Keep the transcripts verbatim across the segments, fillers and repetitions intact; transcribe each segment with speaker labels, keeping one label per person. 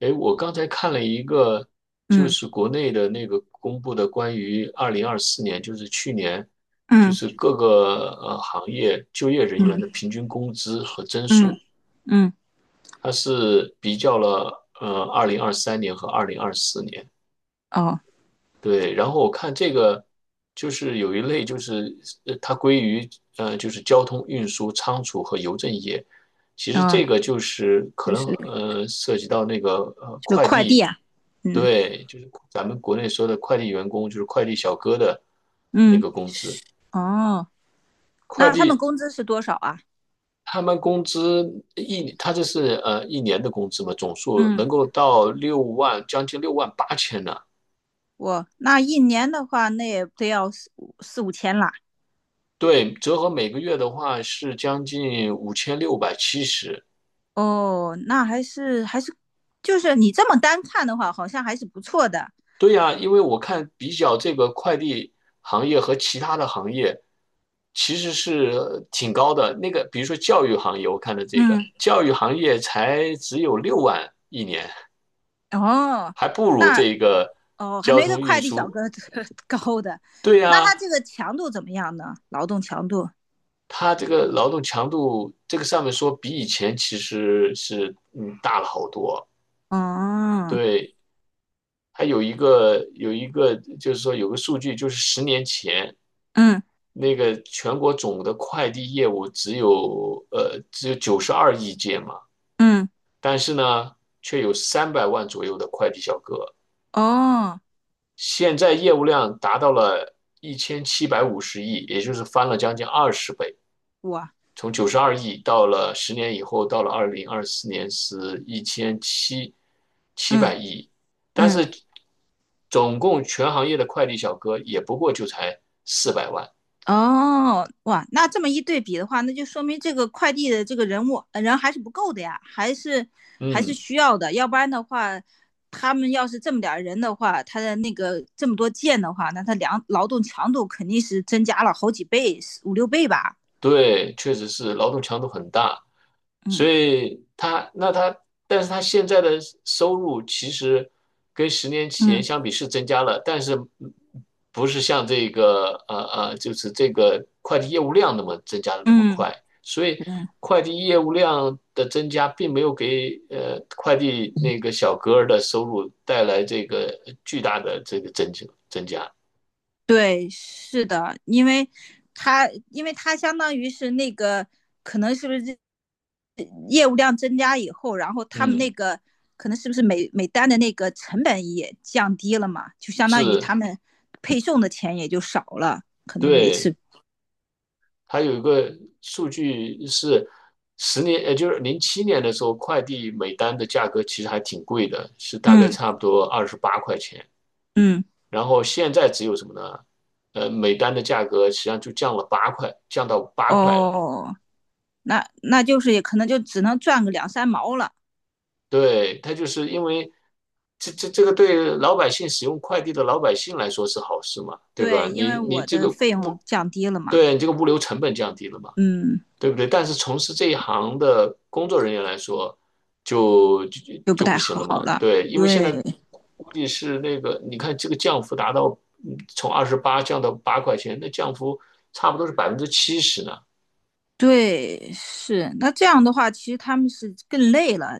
Speaker 1: 哎，我刚才看了一个，就
Speaker 2: 嗯
Speaker 1: 是国内的那个公布的关于二零二四年，就是去年，就
Speaker 2: 嗯
Speaker 1: 是各个呃行业就业人员的
Speaker 2: 嗯
Speaker 1: 平均工资和增
Speaker 2: 嗯
Speaker 1: 速，
Speaker 2: 嗯，
Speaker 1: 它是比较了呃二零二三年和二零二四年。
Speaker 2: 哦
Speaker 1: 对，然后我看这个就是有一类就是呃它归于呃就是交通运输、仓储和邮政业，其实
Speaker 2: 哦，
Speaker 1: 这个就是可
Speaker 2: 就
Speaker 1: 能
Speaker 2: 是
Speaker 1: 呃涉及到那个呃
Speaker 2: 就是
Speaker 1: 快
Speaker 2: 快递
Speaker 1: 递。
Speaker 2: 啊，嗯
Speaker 1: 对，就是咱们国内说的快递员工，就是快递小哥的那
Speaker 2: 嗯，
Speaker 1: 个工资。
Speaker 2: 哦，
Speaker 1: 快
Speaker 2: 那他们
Speaker 1: 递
Speaker 2: 工资是多少啊？
Speaker 1: 他们工资一，他这是呃一年的工资嘛，总数
Speaker 2: 嗯，
Speaker 1: 能够到六万，将近六万八千呢。
Speaker 2: 我那一年的话，那也得要四五四五千啦。
Speaker 1: 对，折合每个月的话是将近五千六百七十。
Speaker 2: 哦，那还是还是，就是你这么单看的话，好像还是不错的。
Speaker 1: 对呀，因为我看比较这个快递行业和其他的行业，其实是呃挺高的。那个比如说教育行业，我看的这个
Speaker 2: 嗯，
Speaker 1: 教育行业才只有六万一年，
Speaker 2: 哦，
Speaker 1: 还不如
Speaker 2: 那
Speaker 1: 这个
Speaker 2: 哦，还
Speaker 1: 交
Speaker 2: 没个
Speaker 1: 通运
Speaker 2: 快递小
Speaker 1: 输。
Speaker 2: 哥 高的。
Speaker 1: 对
Speaker 2: 那他
Speaker 1: 呀，
Speaker 2: 这个强度怎么样呢？劳动强度？
Speaker 1: 它这个劳动强度这个上面说比以前其实是嗯大了好多。
Speaker 2: 哦，
Speaker 1: 对，还有一个有一个就是说有个数据，就是十年前
Speaker 2: 嗯
Speaker 1: 那个全国总的快递业务只有呃只有九十二亿件嘛，
Speaker 2: 嗯，嗯
Speaker 1: 但是呢，却有三百万左右的快递小哥，
Speaker 2: 哦。
Speaker 1: 现在业务量达到了一千七百五十亿，也就是翻了将近二十倍，
Speaker 2: 哇，
Speaker 1: 从九十二亿到了十年以后，到了二零二四年是一千七七
Speaker 2: 嗯
Speaker 1: 百亿，但
Speaker 2: 嗯，
Speaker 1: 是总共全行业的快递小哥也不过就才四百万。
Speaker 2: 哦，哇，那这么一对比的话，那就说明这个快递的这个人物呃人还是不够的呀，还是还是
Speaker 1: 嗯。
Speaker 2: 需要的，要不然的话，他们要是这么点儿人的话，他的那个这么多件的话，那他量劳动强度肯定是增加了好几倍，五六倍吧。
Speaker 1: 对，确实是劳动强度很大，所
Speaker 2: 嗯
Speaker 1: 以他那他，但是他现在的收入其实跟十年前
Speaker 2: 嗯
Speaker 1: 相比是增加了，但是不是像这个呃呃，就是这个快递业务量那么增加的那么
Speaker 2: 嗯，
Speaker 1: 快，所以快递业务量的增加并没有给呃快递那个小哥儿的收入带来这个巨大的这个增加增加，
Speaker 2: 对，是的，因为他因为他相当于是那个可能是不是业务量增加以后，然后他们
Speaker 1: 嗯，
Speaker 2: 那个可能是不是每每单的那个成本也降低了嘛，就相当于
Speaker 1: 是，
Speaker 2: 他们配送的钱也就少了，可能每
Speaker 1: 对。
Speaker 2: 次，
Speaker 1: 还有一个数据是十年，也就是零七年的时候，快递每单的价格其实还挺贵的，是大概
Speaker 2: 嗯
Speaker 1: 差不多二十八块钱。
Speaker 2: 嗯，
Speaker 1: 然后现在只有什么呢？呃，每单的价格实际上就降了八块，降到八块了。
Speaker 2: 哦，那那就是也可能就只能赚个两三毛了，
Speaker 1: 对，它就是因为这这这个对老百姓使用快递的老百姓来说是好事嘛，对吧？
Speaker 2: 对，因
Speaker 1: 你
Speaker 2: 为
Speaker 1: 你
Speaker 2: 我
Speaker 1: 这
Speaker 2: 的
Speaker 1: 个
Speaker 2: 费用降低了嘛，
Speaker 1: 对你这个物流成本降低了嘛，
Speaker 2: 嗯，
Speaker 1: 对不对？但是从事这一行的工作人员来说，就就
Speaker 2: 就不
Speaker 1: 就不
Speaker 2: 太
Speaker 1: 行了
Speaker 2: 好
Speaker 1: 嘛。
Speaker 2: 了，
Speaker 1: 对，因为现
Speaker 2: 对。
Speaker 1: 在估计是那个，你看这个降幅达到，嗯从二十八降到八块钱，那降幅差不多是百分之七十呢。
Speaker 2: 对，是。那这样的话，其实他们是更累了。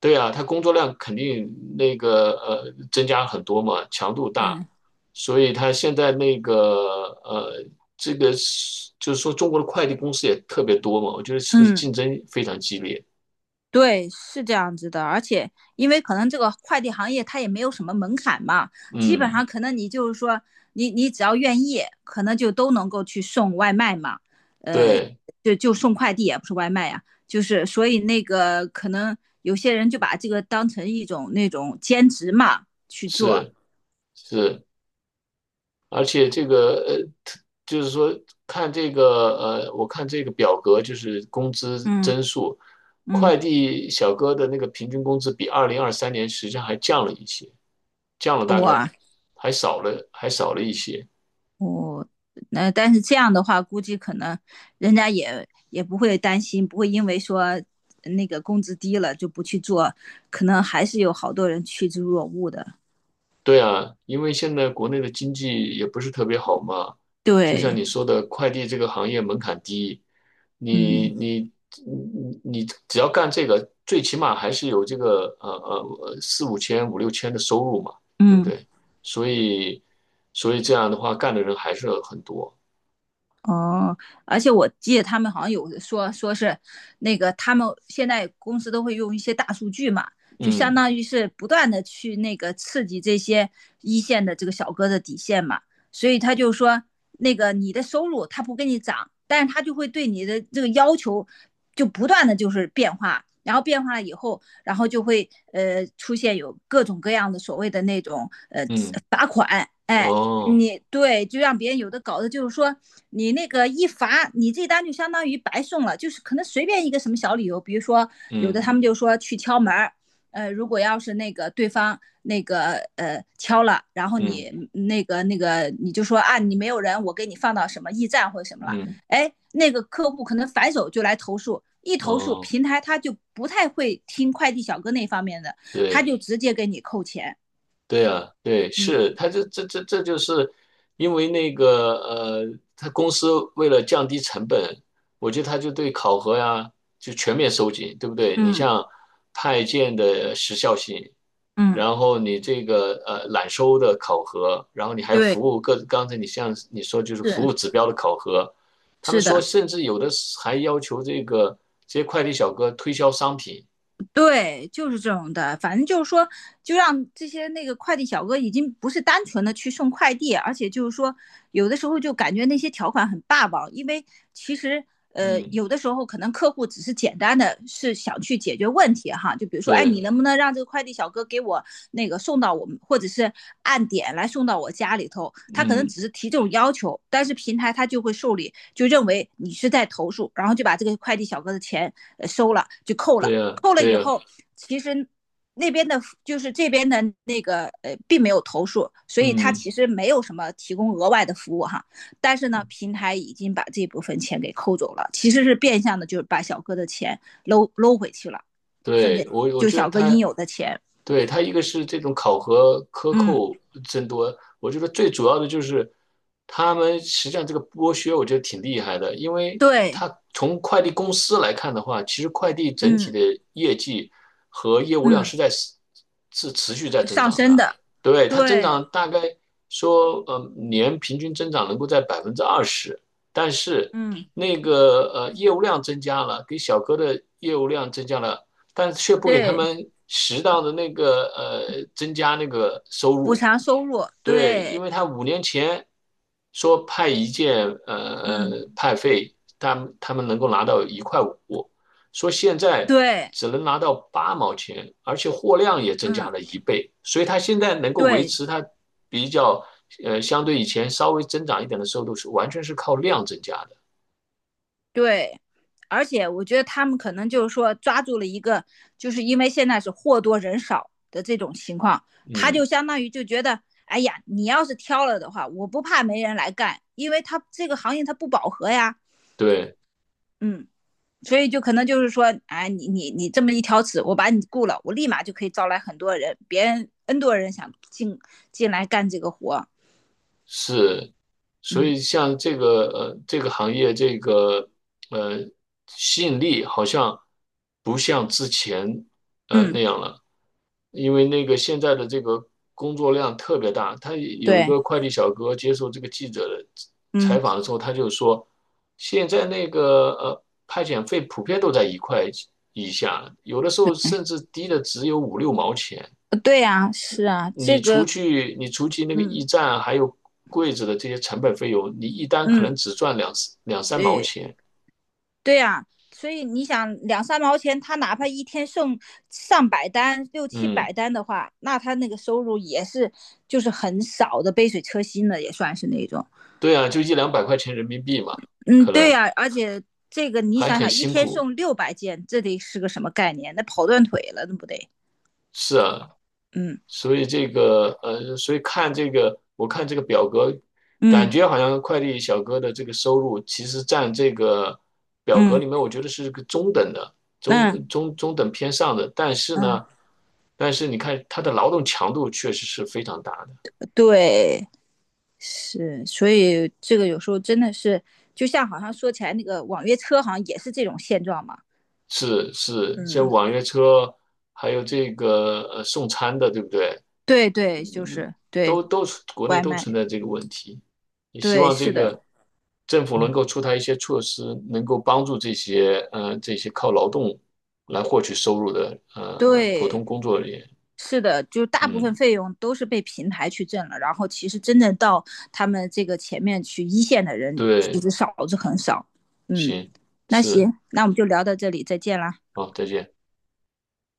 Speaker 1: 对啊，他工作量肯定那个呃增加很多嘛，强度大，
Speaker 2: 嗯
Speaker 1: 所以他现在那个呃这个是就是说中国的快递公司也特别多嘛，我觉得是不是
Speaker 2: 嗯，
Speaker 1: 竞争非常激烈？
Speaker 2: 对，是这样子的。而且，因为可能这个快递行业它也没有什么门槛嘛，基本
Speaker 1: 嗯，
Speaker 2: 上可能你就是说，你你只要愿意，可能就都能够去送外卖嘛。呃，
Speaker 1: 对，
Speaker 2: 就就送快递也不是外卖呀、就是所以那个可能有些人就把这个当成一种那种兼职嘛去做。
Speaker 1: 是。是，而且这个呃，就是说看这个呃，我看这个表格就是工资
Speaker 2: 嗯
Speaker 1: 增速，
Speaker 2: 嗯，
Speaker 1: 快递小哥的那个平均工资比二零二三年实际上还降了一些，降了大概
Speaker 2: 我
Speaker 1: 还少了还少了一些。
Speaker 2: 那但是这样的话，估计可能人家也也不会担心，不会因为说那个工资低了就不去做，可能还是有好多人趋之若鹜的。
Speaker 1: 对啊，因为现在国内的经济也不是特别好嘛，就像
Speaker 2: 对，
Speaker 1: 你说的，快递这个行业门槛低，你
Speaker 2: 嗯
Speaker 1: 你你你只要干这个，最起码还是有这个呃呃呃四五千五六千的收入嘛，对不
Speaker 2: 嗯。
Speaker 1: 对？所以所以这样的话，干的人还是很多。
Speaker 2: 哦，而且我记得他们好像有说说是那个他们现在公司都会用一些大数据嘛，就相
Speaker 1: 嗯，
Speaker 2: 当于是不断的去那个刺激这些一线的这个小哥的底线嘛，所以他就说那个你的收入他不给你涨，但是他就会对你的这个要求就不断的就是变化，然后变化了以后，然后就会呃出现有各种各样的所谓的那种呃
Speaker 1: 嗯，哦，
Speaker 2: 你对，就让别人有的搞的，就是说你那个一罚，你这单就相当于白送了，就是可能随便一个什么小理由，比如说有的
Speaker 1: 嗯，
Speaker 2: 他们就说去敲门儿，呃，如果要是那个对方那个呃敲了，然后你
Speaker 1: 嗯，
Speaker 2: 嗯那个那个你就说啊你没有人，我给你放到什么驿站或者什么了，
Speaker 1: 嗯，
Speaker 2: 哎，那个客户可能反手就来投诉，一投诉
Speaker 1: 哦，
Speaker 2: 平台他就不太会听快递小哥那方面的，他
Speaker 1: 对。
Speaker 2: 就直接给你扣钱，
Speaker 1: 对啊，对，
Speaker 2: 嗯
Speaker 1: 是，他这这这这就是因为那个呃，他公司为了降低成本，我觉得他就对考核呀就全面收紧，对不对？你
Speaker 2: 嗯
Speaker 1: 像派件的时效性，
Speaker 2: 嗯，
Speaker 1: 然后你这个呃揽收的考核，然后你还有
Speaker 2: 对，
Speaker 1: 服务各，刚才你像你说就是服
Speaker 2: 是。
Speaker 1: 务指标的考核，他们
Speaker 2: 是
Speaker 1: 说
Speaker 2: 的，
Speaker 1: 甚至有的是还要求这个这些快递小哥推销商品，
Speaker 2: 对，就是这种的。反正就是说，就让这些那个快递小哥已经不是单纯的去送快递，而且就是说，有的时候就感觉那些条款很霸王，因为其实呃，
Speaker 1: 嗯，
Speaker 2: 有的时候可能客户只是简单的是想去解决问题哈，就比如说，哎，你
Speaker 1: 对，
Speaker 2: 能不能让这个快递小哥给我那个送到我们，或者是按点来送到我家里头？他可能
Speaker 1: 嗯，
Speaker 2: 只是提这种要求，但是平台他就会受理，就认为你是在投诉，然后就把这个快递小哥的钱呃收了，就扣了。
Speaker 1: 对呀，
Speaker 2: 扣了
Speaker 1: 对
Speaker 2: 以
Speaker 1: 呀，
Speaker 2: 后，其实那边的，就是这边的那个呃，并没有投诉，所以他
Speaker 1: 嗯。
Speaker 2: 其实没有什么提供额外的服务哈。但是呢，平台已经把这部分钱给扣走了，其实是变相的，就是把小哥的钱搂搂回去了，分
Speaker 1: 对，
Speaker 2: 给
Speaker 1: 我我
Speaker 2: 就
Speaker 1: 觉得
Speaker 2: 小哥
Speaker 1: 它，
Speaker 2: 应有的钱。
Speaker 1: 对，它一个是这种考核克
Speaker 2: 嗯，
Speaker 1: 扣增多，我觉得最主要的就是他们实际上这个剥削，我觉得挺厉害的，因为
Speaker 2: 对，
Speaker 1: 他从快递公司来看的话，其实快递整体
Speaker 2: 嗯
Speaker 1: 的业绩和业务量
Speaker 2: 嗯，
Speaker 1: 是在是持续在增
Speaker 2: 上
Speaker 1: 长
Speaker 2: 升
Speaker 1: 的，
Speaker 2: 的，
Speaker 1: 对，它增
Speaker 2: 对，
Speaker 1: 长大概说，呃，年平均增长能够在百分之二十，但是
Speaker 2: 嗯
Speaker 1: 那个呃业务量增加了，给小哥的业务量增加了但却不给他
Speaker 2: 对，
Speaker 1: 们适当的那个呃增加那个收
Speaker 2: 补
Speaker 1: 入。
Speaker 2: 偿收入，
Speaker 1: 对，因
Speaker 2: 对，
Speaker 1: 为他五年前说派一件呃
Speaker 2: 嗯
Speaker 1: 呃派费，他们他们能够拿到一块五，说现在
Speaker 2: 对，
Speaker 1: 只能拿到八毛钱，而且货量也增加
Speaker 2: 嗯
Speaker 1: 了一倍，所以他现在能够维
Speaker 2: 对，
Speaker 1: 持他比较呃相对以前稍微增长一点的收入是完全是靠量增加的。
Speaker 2: 对，而且我觉得他们可能就是说抓住了一个，就是因为现在是货多人少的这种情况，他
Speaker 1: 嗯，
Speaker 2: 就相当于就觉得，哎呀，你要是挑了的话，我不怕没人来干，因为他这个行业他不饱和呀，
Speaker 1: 对。
Speaker 2: 嗯，所以就可能就是说，哎，你你你这么一挑刺，我把你雇了，我立马就可以招来很多人，别人 N 多人想进进来干这个活，
Speaker 1: 是，所
Speaker 2: 嗯
Speaker 1: 以像这个呃这个行业这个呃吸引力好像不像之前呃那
Speaker 2: 嗯，
Speaker 1: 样了，因为那个现在的这个工作量特别大。他有一
Speaker 2: 对，
Speaker 1: 个快递小哥接受这个记者的
Speaker 2: 嗯，
Speaker 1: 采访的时候，他就说，现在那个呃派遣费普遍都在一块以下，有的时候甚至低的只有五六毛钱。
Speaker 2: 对呀，是啊，
Speaker 1: 你
Speaker 2: 这
Speaker 1: 除
Speaker 2: 个，
Speaker 1: 去你除去那个
Speaker 2: 嗯
Speaker 1: 驿站还有柜子的这些成本费用，你一单可能
Speaker 2: 嗯，
Speaker 1: 只赚两两三毛
Speaker 2: 对。
Speaker 1: 钱。
Speaker 2: 对呀、所以你想两三毛钱，他哪怕一天送上百单、六七
Speaker 1: 嗯，
Speaker 2: 百单的话，那他那个收入也是就是很少的，杯水车薪的也算是那种。
Speaker 1: 对啊，就一两百块钱人民币嘛，
Speaker 2: 嗯，
Speaker 1: 可
Speaker 2: 对
Speaker 1: 能
Speaker 2: 呀、而且这个你
Speaker 1: 还
Speaker 2: 想
Speaker 1: 很
Speaker 2: 想，一
Speaker 1: 辛
Speaker 2: 天
Speaker 1: 苦。
Speaker 2: 送六百件，这得是个什么概念？那跑断腿了，那不得？
Speaker 1: 是啊，
Speaker 2: 嗯
Speaker 1: 所以这个呃，所以看这个，我看这个表格，感
Speaker 2: 嗯
Speaker 1: 觉好像快递小哥的这个收入其实占这个表格
Speaker 2: 嗯，
Speaker 1: 里面，我觉得是个中等的，
Speaker 2: 那
Speaker 1: 中中中等偏上的。但是
Speaker 2: 嗯
Speaker 1: 呢，但是你看他的劳动强度确实是非常大的。
Speaker 2: 对，是，所以这个有时候真的是，就像好像说起来那个网约车，好像也是这种现状嘛。
Speaker 1: 是是，像
Speaker 2: 嗯，
Speaker 1: 网约车，还有这个呃送餐的，对不对？
Speaker 2: 对对，就是
Speaker 1: 都
Speaker 2: 对，
Speaker 1: 都国内
Speaker 2: 外
Speaker 1: 都存
Speaker 2: 卖。
Speaker 1: 在这个问题。也希
Speaker 2: 对，
Speaker 1: 望这
Speaker 2: 是的，
Speaker 1: 个政府能够出台一些措施，能够帮助这些呃这些靠劳动来获取收入的呃普
Speaker 2: 对，
Speaker 1: 通工作人员。
Speaker 2: 是的，就大部分
Speaker 1: 嗯，
Speaker 2: 费用都是被平台去挣了，然后其实真正到他们这个前面去一线的人，其
Speaker 1: 对，
Speaker 2: 实少之很少。嗯，
Speaker 1: 行，
Speaker 2: 那
Speaker 1: 是，
Speaker 2: 行，那我们就聊到这里，再见啦。
Speaker 1: 好，再见。